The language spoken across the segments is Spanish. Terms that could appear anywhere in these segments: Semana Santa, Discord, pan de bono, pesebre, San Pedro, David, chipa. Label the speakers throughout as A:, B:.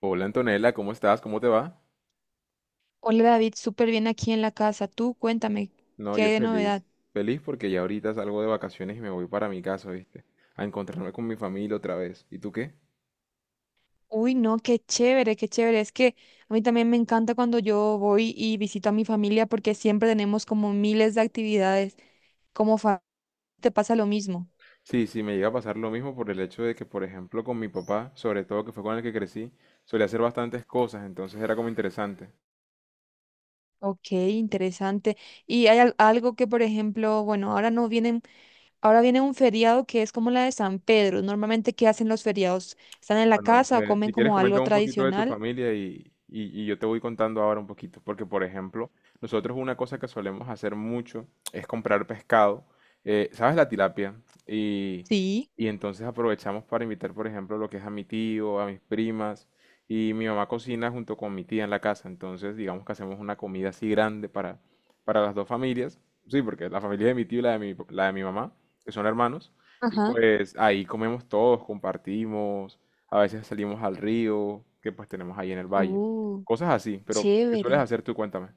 A: Hola Antonella, ¿cómo estás? ¿Cómo te va?
B: Hola David, súper bien aquí en la casa. Tú cuéntame,
A: No,
B: ¿qué
A: yo
B: hay de
A: feliz.
B: novedad?
A: Feliz porque ya ahorita salgo de vacaciones y me voy para mi casa, ¿viste? A encontrarme con mi familia otra vez. ¿Y tú qué?
B: Uy, no, qué chévere, qué chévere. Es que a mí también me encanta cuando yo voy y visito a mi familia porque siempre tenemos como miles de actividades. Como fa- Te pasa lo mismo.
A: Sí, sí, me llega a pasar lo mismo por el hecho de que, por ejemplo, con mi papá, sobre todo que fue con el que crecí, solía hacer bastantes cosas, entonces era como interesante.
B: Ok, interesante. Y hay algo que, por ejemplo, bueno, ahora no vienen, ahora viene un feriado que es como la de San Pedro. Normalmente, ¿qué hacen los feriados? ¿Están en la
A: Bueno,
B: casa o comen
A: si quieres
B: como algo
A: coméntame un poquito de tu
B: tradicional?
A: familia y, y yo te voy contando ahora un poquito, porque por ejemplo, nosotros una cosa que solemos hacer mucho es comprar pescado, ¿sabes? La tilapia. Y,
B: Sí.
A: y entonces aprovechamos para invitar, por ejemplo, lo que es a mi tío, a mis primas, y mi mamá cocina junto con mi tía en la casa, entonces digamos que hacemos una comida así grande para, las dos familias, sí, porque la familia de mi tío y la de mi mamá, que son hermanos, y
B: Ajá.
A: pues ahí comemos todos, compartimos a veces salimos al río que pues tenemos ahí en el valle.
B: Uh,
A: Cosas así, pero ¿qué sueles
B: Chévere.
A: hacer tú? Cuéntame.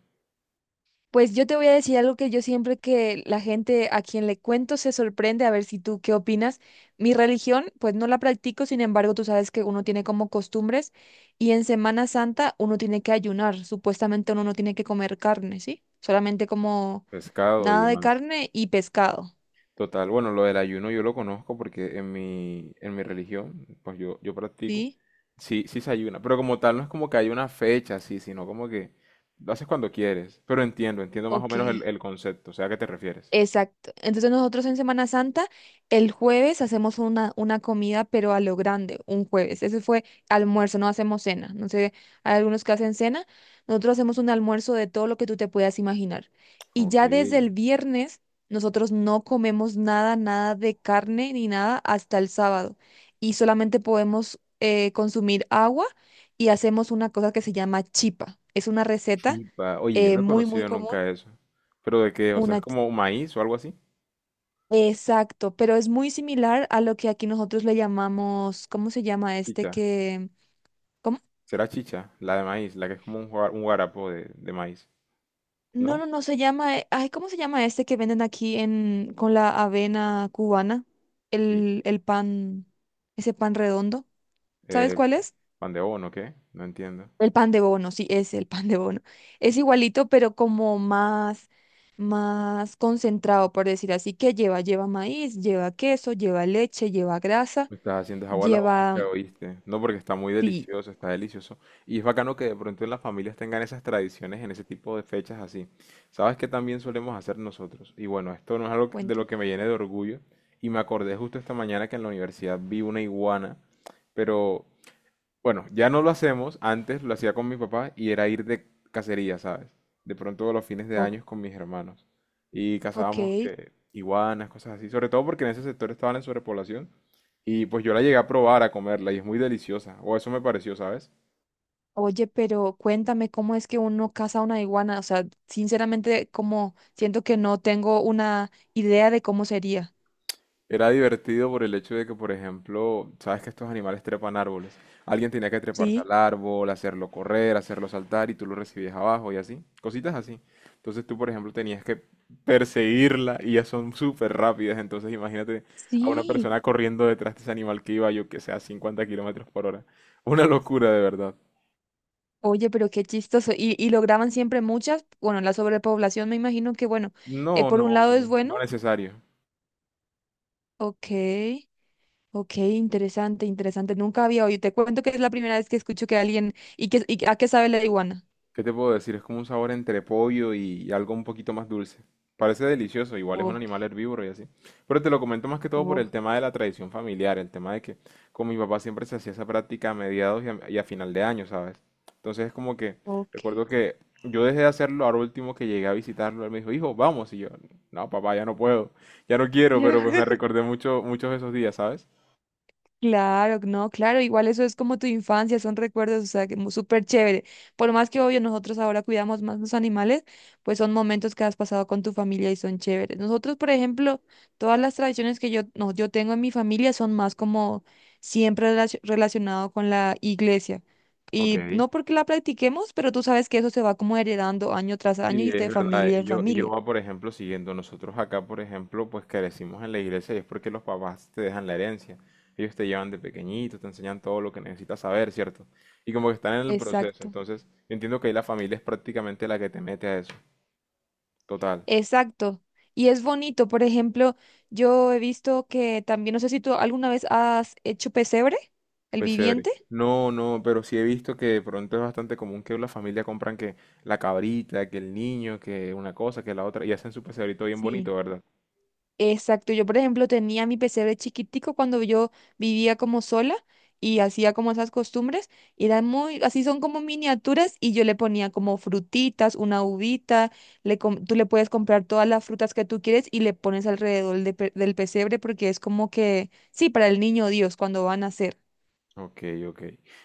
B: Pues yo te voy a decir algo que yo siempre que la gente a quien le cuento se sorprende, a ver si tú qué opinas. Mi religión, pues no la practico, sin embargo, tú sabes que uno tiene como costumbres y en Semana Santa uno tiene que ayunar, supuestamente uno no tiene que comer carne, ¿sí? Solamente como
A: Pescado y
B: nada de
A: demás.
B: carne y pescado,
A: Total, bueno, lo del ayuno yo lo conozco porque en mi, religión, pues yo practico,
B: ¿sí?
A: sí, sí se ayuna, pero como tal no es como que hay una fecha así, sino como que lo haces cuando quieres, pero entiendo, entiendo más o
B: Ok.
A: menos el concepto, o sea, ¿a qué te refieres?
B: Exacto. Entonces nosotros en Semana Santa, el jueves hacemos una comida, pero a lo grande, un jueves. Ese fue almuerzo, no hacemos cena. No sé, hay algunos que hacen cena. Nosotros hacemos un almuerzo de todo lo que tú te puedas imaginar. Y
A: Ok,
B: ya desde el viernes, nosotros no comemos nada, nada de carne ni nada hasta el sábado. Y solamente podemos consumir agua y hacemos una cosa que se llama chipa. Es una receta
A: chipa, oye, yo no he
B: muy, muy
A: conocido
B: común.
A: nunca eso, pero ¿de qué? O sea,
B: Una
A: ¿es como maíz o algo así?
B: Exacto, pero es muy similar a lo que aquí nosotros le llamamos, ¿cómo se llama este
A: Chicha.
B: que, ¿cómo?
A: Será chicha, la de maíz, la que es como un, un guarapo de maíz.
B: No,
A: ¿No?
B: no, no se llama, ay, ¿cómo se llama este que venden aquí en con la avena cubana?
A: Sí.
B: El pan, ese pan redondo, ¿sabes
A: Eh,
B: cuál es?
A: pan de bono, ¿qué? No entiendo.
B: El pan de bono, sí, es el pan de bono. Es igualito, pero como más, más concentrado, por decir así, que lleva maíz, lleva queso, lleva leche, lleva grasa,
A: Me estás haciendo es agua a la
B: lleva,
A: boca, ¿oíste? No, porque está muy
B: sí,
A: delicioso, está delicioso. Y es bacano que de pronto en las familias tengan esas tradiciones en ese tipo de fechas así. ¿Sabes qué también solemos hacer nosotros? Y bueno, esto no es algo de lo
B: cuéntame.
A: que me llene de orgullo. Y me acordé justo esta mañana que en la universidad vi una iguana, pero bueno, ya no lo hacemos, antes lo hacía con mi papá y era ir de cacería, ¿sabes? De pronto los fines de
B: O-
A: años con mis hermanos. Y cazábamos
B: ok.
A: que iguanas, cosas así, sobre todo porque en ese sector estaban en sobrepoblación. Y pues yo la llegué a probar, a comerla y es muy deliciosa, o eso me pareció, ¿sabes?
B: Oye, pero cuéntame cómo es que uno caza una iguana. O sea, sinceramente, como siento que no tengo una idea de cómo sería.
A: Era divertido por el hecho de que, por ejemplo, sabes que estos animales trepan árboles. Alguien tenía que treparse
B: ¿Sí?
A: al árbol, hacerlo correr, hacerlo saltar y tú lo recibías abajo y así. Cositas así. Entonces tú, por ejemplo, tenías que perseguirla y ya son súper rápidas. Entonces imagínate a una
B: Sí.
A: persona corriendo detrás de ese animal que iba, yo que sé, a 50 kilómetros por hora. Una locura, de verdad.
B: Oye, pero qué chistoso. Y lograban siempre muchas. Bueno, la sobrepoblación me imagino que, bueno,
A: No,
B: por
A: no,
B: un lado es
A: no
B: bueno.
A: necesario.
B: Ok, ok, interesante, interesante. Nunca había oído. Te cuento que es la primera vez que escucho que alguien... ¿Y a qué sabe la iguana?
A: ¿Qué te puedo decir? Es como un sabor entre pollo y algo un poquito más dulce. Parece delicioso, igual es un
B: Oh,
A: animal herbívoro y así. Pero te lo comento más que todo por el
B: oh.
A: tema de la tradición familiar, el tema de que con mi papá siempre se hacía esa práctica a mediados y a, final de año, ¿sabes? Entonces es como que
B: Ok.
A: recuerdo que yo dejé de hacerlo, ahora último que llegué a visitarlo, él me dijo, hijo, vamos. Y yo, no, papá, ya no puedo, ya no quiero, pero pues me recordé mucho, muchos de esos días, ¿sabes?
B: Claro, no, claro, igual eso es como tu infancia, son recuerdos, o sea, que súper chévere. Por más que obvio nosotros ahora cuidamos más los animales, pues son momentos que has pasado con tu familia y son chéveres. Nosotros, por ejemplo, todas las tradiciones que yo, no, yo tengo en mi familia son más como siempre relacionado con la iglesia. Y
A: Ok.
B: no porque la practiquemos, pero tú sabes que eso se va como heredando año tras año
A: Sí,
B: y
A: es
B: de
A: verdad.
B: familia en
A: yo
B: familia.
A: va, por ejemplo, siguiendo. Nosotros acá, por ejemplo, pues crecimos en la iglesia y es porque los papás te dejan la herencia. Ellos te llevan de pequeñito, te enseñan todo lo que necesitas saber, ¿cierto? Y como que están en el proceso.
B: Exacto.
A: Entonces, yo entiendo que ahí la familia es prácticamente la que te mete a eso. Total.
B: Exacto. Y es bonito. Por ejemplo, yo he visto que también, no sé si tú alguna vez has hecho pesebre, el
A: Pues chévere.
B: viviente.
A: No, no, pero sí he visto que de pronto es bastante común que la familia compran que la cabrita, que el niño, que una cosa, que la otra, y hacen su pesebrito bien
B: Sí.
A: bonito, ¿verdad?
B: Exacto, yo por ejemplo tenía mi pesebre chiquitico cuando yo vivía como sola y hacía como esas costumbres, y eran muy, así son como miniaturas y yo le ponía como frutitas, una uvita, le tú le puedes comprar todas las frutas que tú quieres y le pones alrededor de del pesebre porque es como que, sí, para el niño Dios cuando van a nacer.
A: Ok, ok.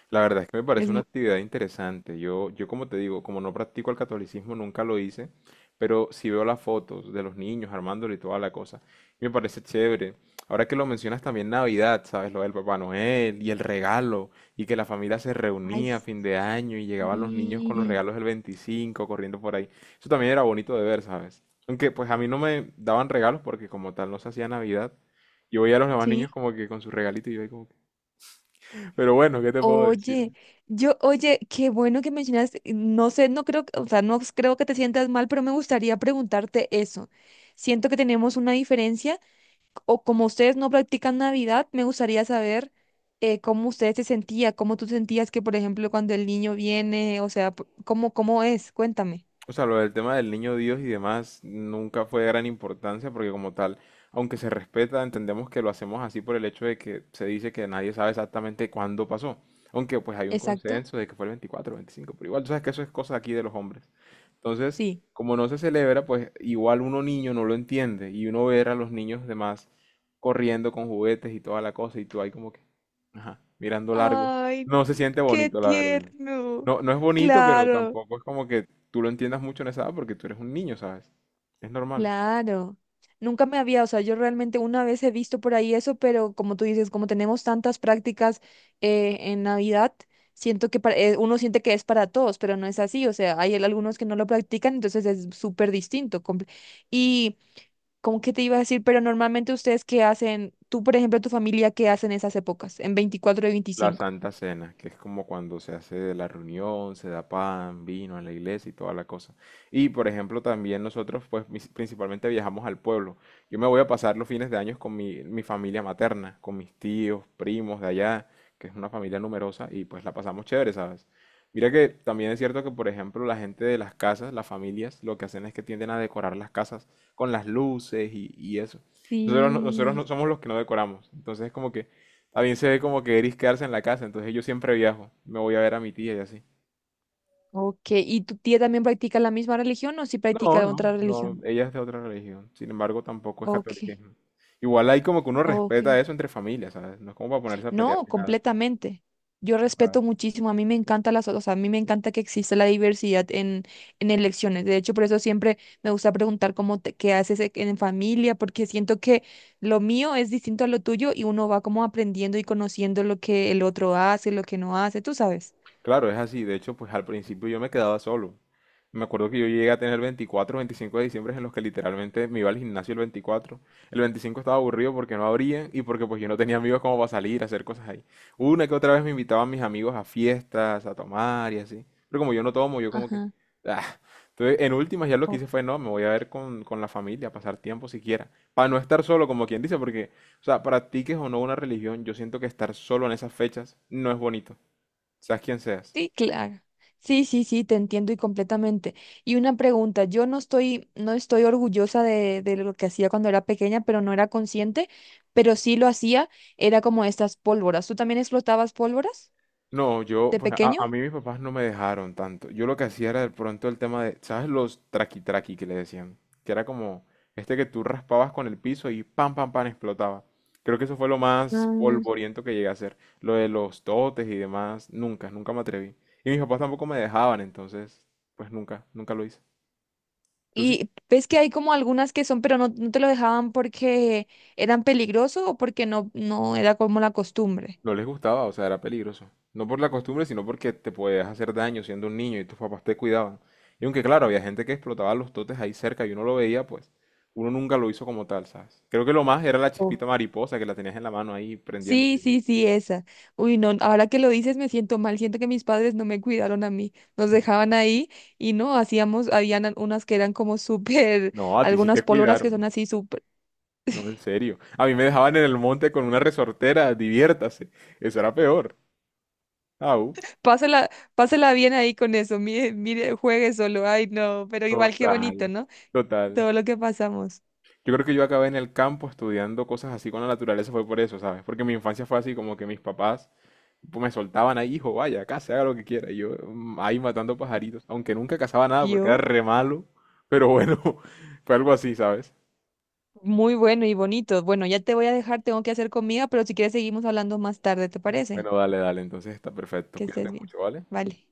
A: La verdad es que me parece
B: Es,
A: una
B: mu-
A: actividad interesante. yo como te digo, como no practico el catolicismo, nunca lo hice, pero sí veo las fotos de los niños armándolo y toda la cosa. Y me parece chévere. Ahora que lo mencionas también Navidad, ¿sabes? Lo del Papá Noel y el regalo, y que la familia se
B: Ay,
A: reunía a fin de año y llegaban los niños con los
B: sí,
A: regalos del 25 corriendo por ahí. Eso también era bonito de ver, ¿sabes? Aunque pues a mí no me daban regalos porque como tal no se hacía Navidad. Yo veía a los demás niños
B: sí.
A: como que con su regalito y yo ahí como pero bueno, ¿qué te puedo decir?
B: Oye, yo, oye, qué bueno que mencionas, no sé, no creo, o sea, no creo que te sientas mal, pero me gustaría preguntarte eso. Siento que tenemos una diferencia, o como ustedes no practican Navidad, me gustaría saber cómo ustedes se sentían, cómo tú sentías que, por ejemplo, cuando el niño viene, o sea, cómo es, cuéntame.
A: O sea, lo del tema del niño Dios y demás nunca fue de gran importancia porque como tal, aunque se respeta, entendemos que lo hacemos así por el hecho de que se dice que nadie sabe exactamente cuándo pasó. Aunque pues hay un
B: Exacto,
A: consenso de que fue el 24 o 25 pero igual tú sabes que eso es cosa aquí de los hombres. Entonces,
B: sí.
A: como no se celebra, pues igual uno niño no lo entiende y uno ver a los niños demás corriendo con juguetes y toda la cosa y tú ahí como que, ajá, mirando largo.
B: Ay,
A: No se siente
B: qué
A: bonito, la verdad.
B: tierno.
A: No, no es bonito, pero
B: Claro.
A: tampoco es como que tú lo entiendas mucho en esa edad porque tú eres un niño, ¿sabes? Es normal.
B: Claro, nunca me había, o sea, yo realmente una vez he visto por ahí eso, pero como tú dices, como tenemos tantas prácticas en Navidad, siento que uno siente que es para todos, pero no es así, o sea, hay algunos que no lo practican, entonces es súper distinto. Y como que te iba a decir, pero normalmente ustedes qué hacen, tú por ejemplo, tu familia, ¿qué hacen esas épocas, en 24 y
A: La
B: 25?
A: Santa Cena, que es como cuando se hace la reunión, se da pan, vino en la iglesia y toda la cosa. Y por ejemplo, también nosotros, pues principalmente viajamos al pueblo. Yo me voy a pasar los fines de años con mi, familia materna, con mis tíos, primos de allá, que es una familia numerosa, y pues la pasamos chévere, ¿sabes? Mira que también es cierto que, por ejemplo, la gente de las casas, las familias, lo que hacen es que tienden a decorar las casas con las luces y eso. Nosotros, nosotros no
B: Sí.
A: somos los que no decoramos. Entonces es como que a mí se ve como que Eris quedarse en la casa, entonces yo siempre viajo. Me voy a ver a mi tía y así.
B: Ok, ¿y tu tía también practica la misma religión o si
A: No,
B: practica
A: no,
B: otra
A: no,
B: religión?
A: ella es de otra religión. Sin embargo, tampoco es
B: Ok,
A: catolicismo. Igual hay como que uno
B: ok.
A: respeta eso entre familias, ¿sabes? No es como para ponerse a pelear
B: No,
A: ni nada.
B: completamente. Yo respeto muchísimo, a mí me encanta las, o sea, a mí me encanta que exista la diversidad en, elecciones. De hecho, por eso siempre me gusta preguntar cómo qué haces en familia, porque siento que lo mío es distinto a lo tuyo y uno va como aprendiendo y conociendo lo que el otro hace, lo que no hace, tú sabes.
A: Claro, es así. De hecho, pues al principio yo me quedaba solo. Me acuerdo que yo llegué a tener 24, 25 de diciembre en los que literalmente me iba al gimnasio el 24. El 25 estaba aburrido porque no abrían y porque pues yo no tenía amigos como para salir a hacer cosas ahí. Una que otra vez me invitaban mis amigos a fiestas, a tomar y así. Pero como yo no tomo, yo como que...
B: Ajá.
A: ah. Entonces, en últimas ya lo que hice fue, no, me voy a ver con, la familia, pasar tiempo siquiera. Para no estar solo, como quien dice, porque, o sea, practiques o no una religión, yo siento que estar solo en esas fechas no es bonito. Seas quien seas.
B: Sí, claro. Sí, sí, sí, te entiendo y completamente. Y una pregunta, yo no estoy orgullosa de lo que hacía cuando era pequeña, pero no era consciente, pero sí lo hacía, era como estas pólvoras. ¿Tú también explotabas pólvoras
A: No, yo,
B: de
A: pues a
B: pequeño?
A: mí mis papás no me dejaron tanto. Yo lo que hacía era de pronto el tema de, ¿sabes? Los traqui traqui que le decían, que era como este que tú raspabas con el piso y pam, pam, pam, explotaba. Creo que eso fue lo más
B: Mm,
A: polvoriento que llegué a hacer. Lo de los totes y demás, nunca, nunca me atreví. Y mis papás tampoco me dejaban, entonces, pues nunca, nunca lo hice. ¿Tú sí?
B: Y ves que hay como algunas que son, pero no, no te lo dejaban porque eran peligrosos o porque no, no era como la costumbre.
A: No les gustaba, o sea, era peligroso. No por la costumbre, sino porque te podías hacer daño siendo un niño y tus papás te cuidaban. Y aunque claro, había gente que explotaba los totes ahí cerca y uno lo veía, pues uno nunca lo hizo como tal, ¿sabes? Creo que lo más era la chispita mariposa que la tenías en la mano ahí
B: Sí,
A: prendiéndose.
B: sí, sí, esa. Uy, no, ahora que lo dices me siento mal, siento que mis padres no me cuidaron a mí, nos dejaban ahí y no, hacíamos, habían unas que eran como súper,
A: No, a ti sí
B: algunas
A: te
B: pólvoras que son
A: cuidaron.
B: así súper,
A: No, en serio. A mí me dejaban en el monte con una resortera, diviértase. Eso era peor. Ah,
B: pásela, pásela bien ahí con eso, mire, mire, juegue solo, ay no, pero igual qué bonito,
A: total,
B: ¿no?
A: total.
B: Todo lo que pasamos.
A: Yo creo que yo acabé en el campo estudiando cosas así con la naturaleza, fue por eso, ¿sabes? Porque mi infancia fue así, como que mis papás pues me soltaban ahí, hijo, vaya, case, haga lo que quiera. Y yo ahí matando pajaritos, aunque nunca cazaba nada porque era
B: ¿Vio?
A: re malo, pero bueno, fue algo así, ¿sabes?
B: Muy bueno y bonito. Bueno, ya te voy a dejar, tengo que hacer comida, pero si quieres seguimos hablando más tarde, ¿te parece?
A: Bueno, dale, dale, entonces está perfecto,
B: Que
A: cuídate
B: estés bien.
A: mucho, ¿vale?
B: Vale.